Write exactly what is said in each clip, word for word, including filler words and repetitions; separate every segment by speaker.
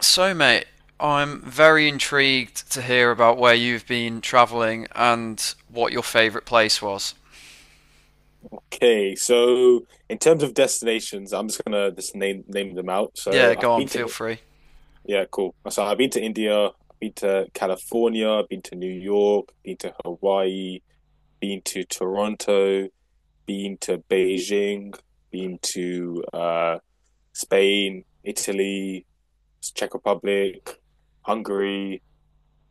Speaker 1: So, mate, I'm very intrigued to hear about where you've been travelling and what your favourite place was.
Speaker 2: Okay, so in terms of destinations, I'm just gonna just name name them out.
Speaker 1: Yeah,
Speaker 2: So
Speaker 1: go
Speaker 2: I've
Speaker 1: on,
Speaker 2: been
Speaker 1: feel
Speaker 2: to
Speaker 1: free.
Speaker 2: Yeah, cool. So I've been to India, I've been to California, I've been to New York, been to Hawaii, been to Toronto, been to Beijing, been to uh Spain, Italy, Czech Republic, Hungary,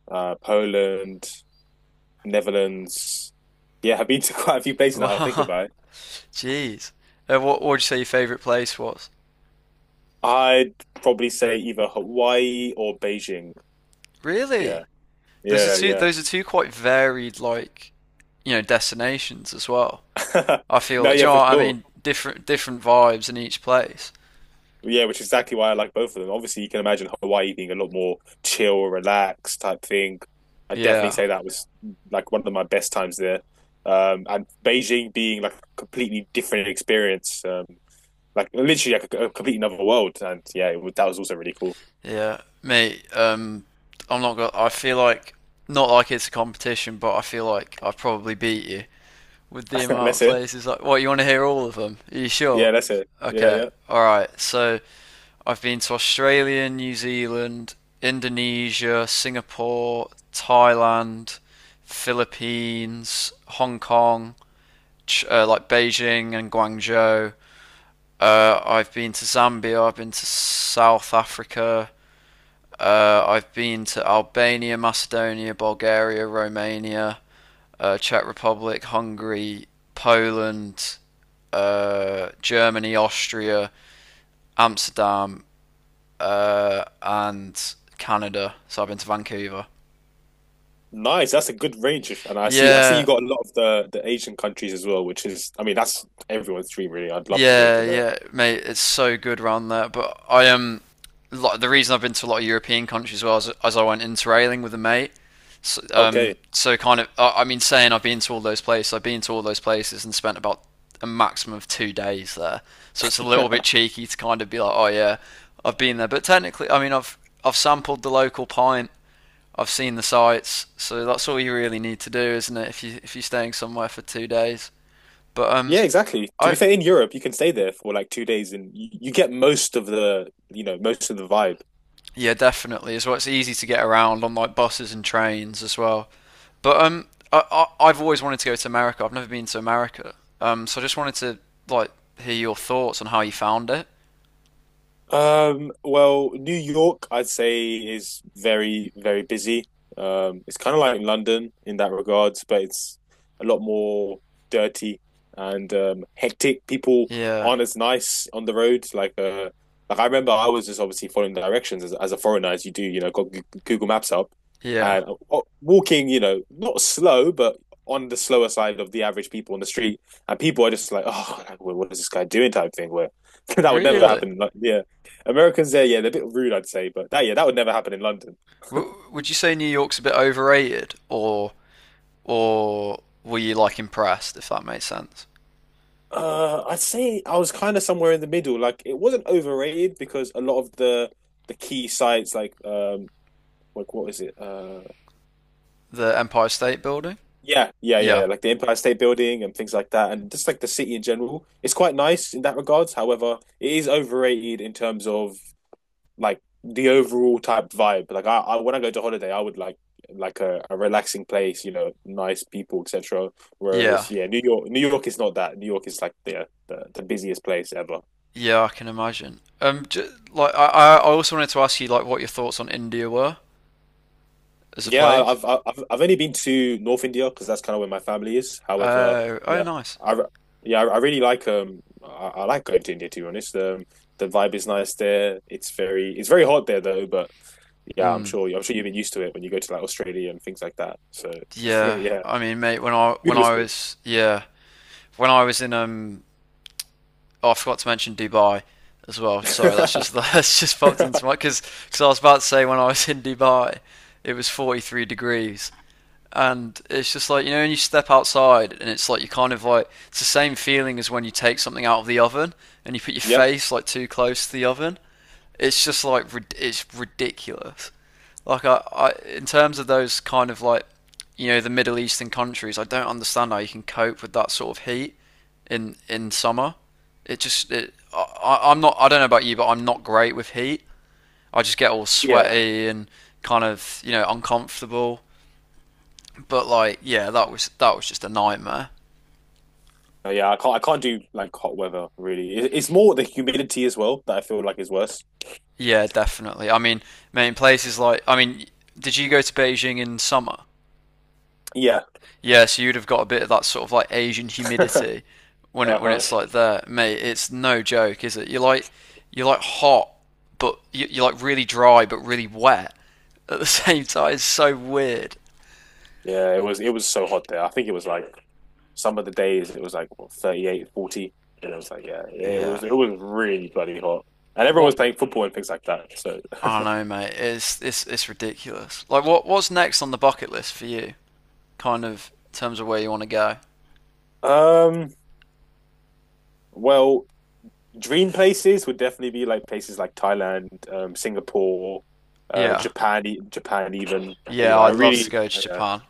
Speaker 2: uh Poland, Netherlands. Yeah, I've been to quite a few places now. I think about it.
Speaker 1: Jeez. Uh, what would you say your favourite place was?
Speaker 2: I'd probably say either Hawaii or Beijing.
Speaker 1: Really?
Speaker 2: Yeah,
Speaker 1: Those are
Speaker 2: yeah,
Speaker 1: two.
Speaker 2: yeah.
Speaker 1: Those are two quite varied, like you know, destinations as well. I feel.
Speaker 2: No,
Speaker 1: Do
Speaker 2: yeah,
Speaker 1: you know
Speaker 2: for
Speaker 1: what I
Speaker 2: sure.
Speaker 1: mean? Different, different vibes in each place.
Speaker 2: Yeah, which is exactly why I like both of them. Obviously, you can imagine Hawaii being a lot more chill, relaxed type thing. I definitely
Speaker 1: Yeah.
Speaker 2: say that was like one of my best times there. Um, and Beijing being like a completely different experience, um, like literally like a, a complete another world. And yeah, it, was- that was also really cool.
Speaker 1: Yeah, mate. Um, I'm not gonna. I feel like not like it's a competition, but I feel like I probably beat you with the amount
Speaker 2: That's
Speaker 1: of
Speaker 2: it.
Speaker 1: places. Like, what, you want to hear all of them? Are you sure?
Speaker 2: Yeah, that's it. Yeah,
Speaker 1: Okay,
Speaker 2: yeah.
Speaker 1: all right. So, I've been to Australia, New Zealand, Indonesia, Singapore, Thailand, Philippines, Hong Kong, Ch- uh, like Beijing and Guangzhou. Uh, I've been to Zambia. I've been to South Africa. Uh, I've been to Albania, Macedonia, Bulgaria, Romania, uh, Czech Republic, Hungary, Poland, uh, Germany, Austria, Amsterdam, uh, and Canada. So I've been to Vancouver.
Speaker 2: Nice. That's a good range, and I see. I see you
Speaker 1: Yeah,
Speaker 2: got a lot of the the Asian countries as well, which is, I mean, that's everyone's dream, really. I'd love to go
Speaker 1: yeah,
Speaker 2: to that.
Speaker 1: yeah, mate, it's so good around there. But I am, um, like, the reason I've been to a lot of European countries was as I went interrailing with a mate. So,
Speaker 2: Okay.
Speaker 1: um, so kind of, I I mean, saying I've been to all those places, I've been to all those places and spent about a maximum of two days there. So it's a little bit cheeky to kind of be like, oh yeah, I've been there. But technically, I mean, I've I've sampled the local pint. I've seen the sights. So that's all you really need to do, isn't it? If you if you're staying somewhere for two days. But um,
Speaker 2: Yeah, exactly. To be
Speaker 1: I
Speaker 2: fair, in Europe, you can stay there for like two days, and you, you get most of the, you know, most of the vibe.
Speaker 1: Yeah, definitely. As well, it's easy to get around on like buses and trains as well. But um, I, I I've always wanted to go to America. I've never been to America. Um, so I just wanted to like hear your thoughts on how you found it.
Speaker 2: Um, well, New York, I'd say, is very, very busy. Um, it's kind of like London in that regards, but it's a lot more dirty and um, hectic. People
Speaker 1: Yeah,
Speaker 2: aren't as nice on the road. Like, uh, like I remember, I was just obviously following directions as, as a foreigner, as you do. You know, got G- Google Maps up
Speaker 1: yeah.
Speaker 2: and uh, walking. You know, not slow, but on the slower side of the average people on the street. And people are just like, "Oh, like, what what is this guy doing?" type thing. Where that would never
Speaker 1: Really?
Speaker 2: happen. Like, yeah. Americans there, yeah, they're a bit rude, I'd say, but that yeah, that would never happen in London.
Speaker 1: W would you say New York's a bit overrated, or or were you like impressed, if that makes sense?
Speaker 2: Uh, I'd say I was kind of somewhere in the middle. Like it wasn't overrated because a lot of the the key sites, like um, like what is it? Uh,
Speaker 1: The Empire State Building?
Speaker 2: yeah, yeah,
Speaker 1: Yeah,
Speaker 2: yeah, like the Empire State Building and things like that, and just like the city in general, it's quite nice in that regards. However, it is overrated in terms of like the overall type vibe. Like I, I when I go to holiday, I would like like a, a relaxing place, you know, nice people, et cetera.
Speaker 1: yeah,
Speaker 2: Whereas yeah, New York, New York is not that. New York is like the the, the busiest place ever.
Speaker 1: yeah. I can imagine. Um, j Like, I I I also wanted to ask you like what your thoughts on India were as a
Speaker 2: Yeah,
Speaker 1: place.
Speaker 2: I've I've I've only been to North India because that's kind of where my family is. However,
Speaker 1: Uh, oh,
Speaker 2: yeah,
Speaker 1: nice.
Speaker 2: I yeah I really like um I, I like going to India to be honest. Um, the vibe is nice there. It's very it's very hot there though, but yeah, I'm sure I'm sure you've been used to it when you go to like Australia and things like that. So
Speaker 1: Yeah,
Speaker 2: yeah.
Speaker 1: I mean, mate, when I
Speaker 2: Food
Speaker 1: when
Speaker 2: was
Speaker 1: I
Speaker 2: good.
Speaker 1: was yeah when I was in um oh, I forgot to mention Dubai as well. Sorry, that's just that's just popped into my, because because I was about to say when I was in Dubai, it was forty-three degrees, and it's just like, you know, when you step outside and it's like, you kind of like, it's the same feeling as when you take something out of the oven and you put your
Speaker 2: Yep.
Speaker 1: face like too close to the oven. It's just like, it's ridiculous. Like, I, I in terms of those kind of, like, you know, the middle eastern countries, I don't understand how you can cope with that sort of heat in in summer. It just it, I- I'm not, I don't know about you, but I'm not great with heat. I just get all
Speaker 2: Yeah.
Speaker 1: sweaty and kind of, you know, uncomfortable. But like, yeah, that was that was just a nightmare.
Speaker 2: Uh, Yeah, I can't I can't do like hot weather really. It, it's more the humidity as well that I feel like is worse.
Speaker 1: Yeah, definitely. I mean, in places like, I mean, did you go to Beijing in summer?
Speaker 2: Yeah.
Speaker 1: Yeah, so you'd have got a bit of that sort of like Asian humidity when it when
Speaker 2: Uh-huh.
Speaker 1: it's like there, mate. It's no joke, is it? You're like you're like hot, but you- you're like really dry, but really wet at the same time. It's so weird.
Speaker 2: Yeah, it was it was so hot there. I think it was like some of the days it was like what, thirty-eight, forty, and it was like yeah, yeah, it
Speaker 1: Yeah.
Speaker 2: was it was really bloody hot. And everyone
Speaker 1: What?
Speaker 2: was playing football and things like that. So
Speaker 1: I don't know, mate. It's it's it's ridiculous. Like, what what's next on the bucket list for you? Kind of in terms of where you want to go.
Speaker 2: um well, dream places would definitely be like places like Thailand, um Singapore, uh
Speaker 1: Yeah.
Speaker 2: Japan, e- Japan even. You
Speaker 1: Yeah,
Speaker 2: know, I
Speaker 1: I'd love to
Speaker 2: really
Speaker 1: go to
Speaker 2: yeah.
Speaker 1: Japan.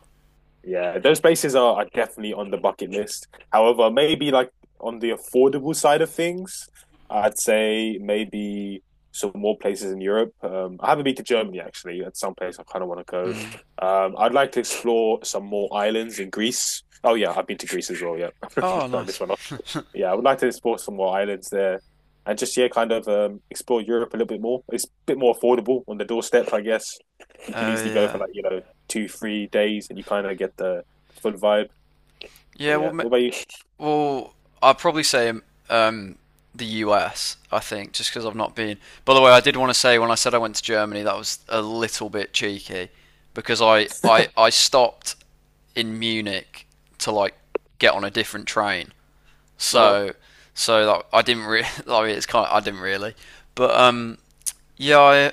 Speaker 2: Yeah, those places are, are definitely on the bucket list. However, maybe like on the affordable side of things, I'd say maybe some more places in Europe. Um, I haven't been to Germany actually. At some place I kind of want to go.
Speaker 1: Mm.
Speaker 2: Um, I'd like to explore some more islands in Greece. Oh yeah, I've been to Greece as well. Yeah,
Speaker 1: Oh,
Speaker 2: I missed
Speaker 1: nice.
Speaker 2: one. Yeah, I would like to explore some more islands there, and just yeah, kind of um, explore Europe a little bit more. It's a bit more affordable on the doorstep, I guess. You can
Speaker 1: Oh,
Speaker 2: easily go for
Speaker 1: yeah.
Speaker 2: like you know two, three days, and you kind of get the full vibe.
Speaker 1: Yeah,
Speaker 2: But
Speaker 1: well,
Speaker 2: yeah,
Speaker 1: ma-
Speaker 2: what about you?
Speaker 1: well, I'd probably say, um, the U S, I think, just because I've not been. By the way, I did want to say when I said I went to Germany, that was a little bit cheeky because I, I, I stopped in Munich to like get on a different train.
Speaker 2: Uh-huh.
Speaker 1: So so that I didn't really. I mean, it's kind of I didn't really, but um, yeah, I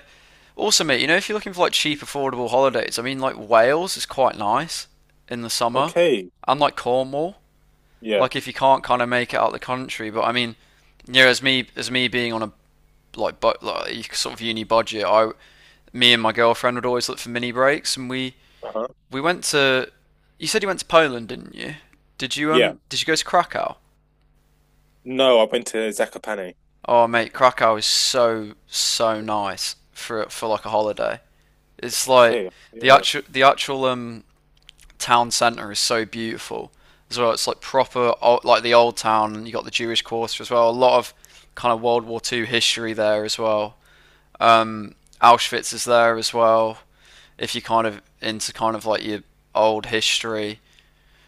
Speaker 1: Also, mate, you know, if you're looking for like cheap, affordable holidays, I mean, like, Wales is quite nice in the summer,
Speaker 2: Okay.
Speaker 1: and like Cornwall.
Speaker 2: Yeah.
Speaker 1: Like if you can't kind of make it out of the country, but I mean, you know, as me as me being on a like but like sort of uni budget, I me and my girlfriend would always look for mini breaks, and we
Speaker 2: Uh-huh.
Speaker 1: we went to. You said you went to Poland, didn't you? Did you
Speaker 2: Yeah.
Speaker 1: um did you go to Krakow?
Speaker 2: No, I went to Zakopane.
Speaker 1: Oh mate, Krakow is so so nice for for like a holiday. It's like
Speaker 2: Okay.
Speaker 1: the
Speaker 2: Yeah.
Speaker 1: actual the actual um town centre is so beautiful as well. It's like proper, like the old town, and you got the Jewish Quarter as well. A lot of kind of World War Two history there as well. Um, Auschwitz is there as well. If you're kind of into kind of like your old history,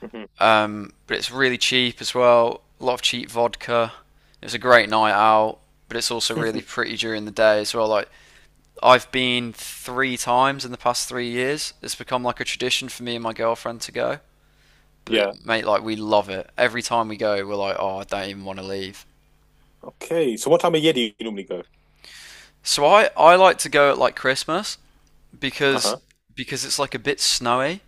Speaker 2: Hmm.
Speaker 1: um, but it's really cheap as well. A lot of cheap vodka. It was a great night out, but it's also really pretty during the day as well. Like I've been three times in the past three years. It's become like a tradition for me and my girlfriend to go,
Speaker 2: Yeah.
Speaker 1: but mate, like, we love it. Every time we go, we're like, oh, I don't even want to leave.
Speaker 2: Okay. So what time of year do you normally go?
Speaker 1: So I, I like to go at like Christmas because
Speaker 2: Uh-huh.
Speaker 1: because it's like a bit snowy.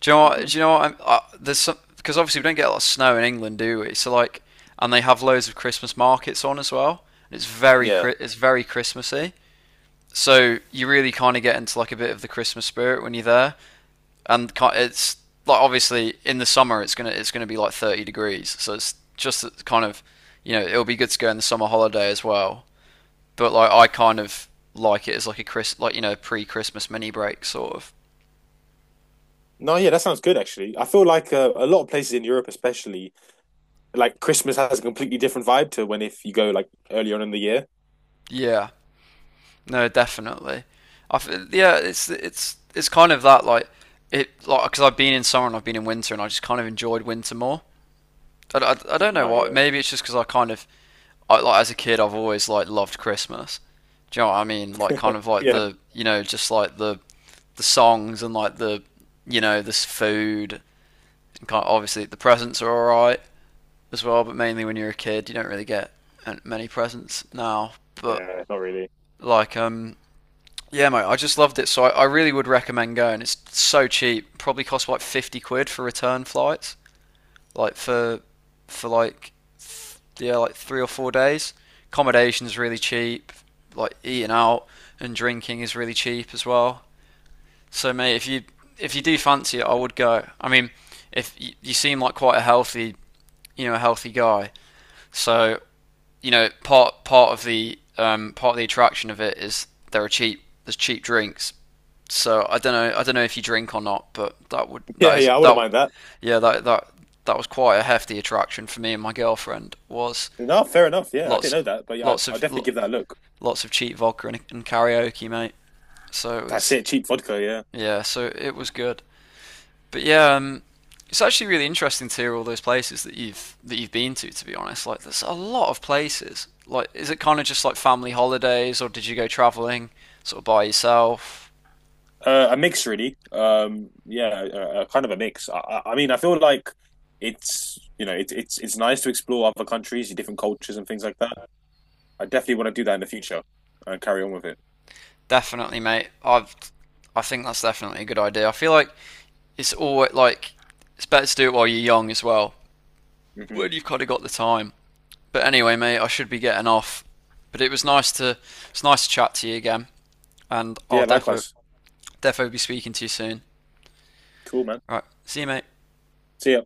Speaker 1: Do you know what? Do
Speaker 2: Hmm.
Speaker 1: you know what? I'm, uh, there's some, because obviously we don't get a lot of snow in England, do we? So like, and they have loads of Christmas markets on as well. And it's very
Speaker 2: Yeah.
Speaker 1: it's very Christmassy. So you really kind of get into like a bit of the Christmas spirit when you're there. And it's like obviously in the summer it's gonna it's gonna be like thirty degrees, so it's just kind of, you know, it'll be good to go in the summer holiday as well. But like I kind of like it as like a Chris, like, you know, pre-Christmas mini break sort of.
Speaker 2: No, yeah, that sounds good actually. I feel like uh, a lot of places in Europe, especially, like Christmas has a completely different vibe to when if you go like earlier on in the year.
Speaker 1: Yeah, no, definitely. I f- yeah, it's it's it's kind of that like, it, like because I've been in summer and I've been in winter and I just kind of enjoyed winter more. I, I, I don't know
Speaker 2: No,
Speaker 1: what.
Speaker 2: yeah,
Speaker 1: Maybe it's just because I kind of I like as a kid I've always like loved Christmas. Do you know what I mean? Like kind of like
Speaker 2: yeah,
Speaker 1: the, you know, just like the the songs and like the, you know, this food and kind of- obviously the presents are all right as well. But mainly when you're a kid, you don't really get many presents now. But
Speaker 2: yeah, not really.
Speaker 1: like um yeah, mate, I just loved it. So I, I really would recommend going. It's so cheap. Probably costs like fifty quid for return flights like for for like th- yeah like three or four days. Accommodation's really cheap. Like eating out and drinking is really cheap as well. So mate, if you if you do fancy it, I would go. I mean, if you, you seem like quite a healthy, you know, a healthy guy, so, you know, part part of the, um, part of the attraction of it is there are cheap, there's cheap drinks. So I don't know I don't know if you drink or not, but that would
Speaker 2: Yeah,
Speaker 1: that is
Speaker 2: yeah, I wouldn't
Speaker 1: that
Speaker 2: mind that.
Speaker 1: yeah that that that was quite a hefty attraction for me and my girlfriend was
Speaker 2: No, fair enough. Yeah, I didn't
Speaker 1: lots
Speaker 2: know that, but yeah, I,
Speaker 1: lots
Speaker 2: I'll
Speaker 1: of
Speaker 2: definitely give that a look.
Speaker 1: lots of cheap vodka and, and karaoke, mate. So it
Speaker 2: That's
Speaker 1: was,
Speaker 2: it, cheap vodka. Yeah,
Speaker 1: yeah, so it was good. But yeah, um, it's actually really interesting to hear all those places that you've that you've been to. To be honest, like, there's a lot of places. Like, is it kind of just like family holidays, or did you go traveling sort of by yourself?
Speaker 2: uh, a mix really. Um, yeah, uh, kind of a mix. I, I I mean, I feel like it's you know it's it's it's nice to explore other countries, different cultures, and things like that. I definitely want to do that in the future and carry on with it.
Speaker 1: Definitely, mate. I've I think that's definitely a good idea. I feel like it's always like it's better to do it while you're young as well,
Speaker 2: Hmm.
Speaker 1: when you've kind of got the time. But anyway, mate, I should be getting off. But it was nice to it's nice to chat to you again, and I'll
Speaker 2: Yeah,
Speaker 1: defo
Speaker 2: likewise.
Speaker 1: defo be speaking to you soon.
Speaker 2: Cool, man.
Speaker 1: All right, see you, mate.
Speaker 2: See ya.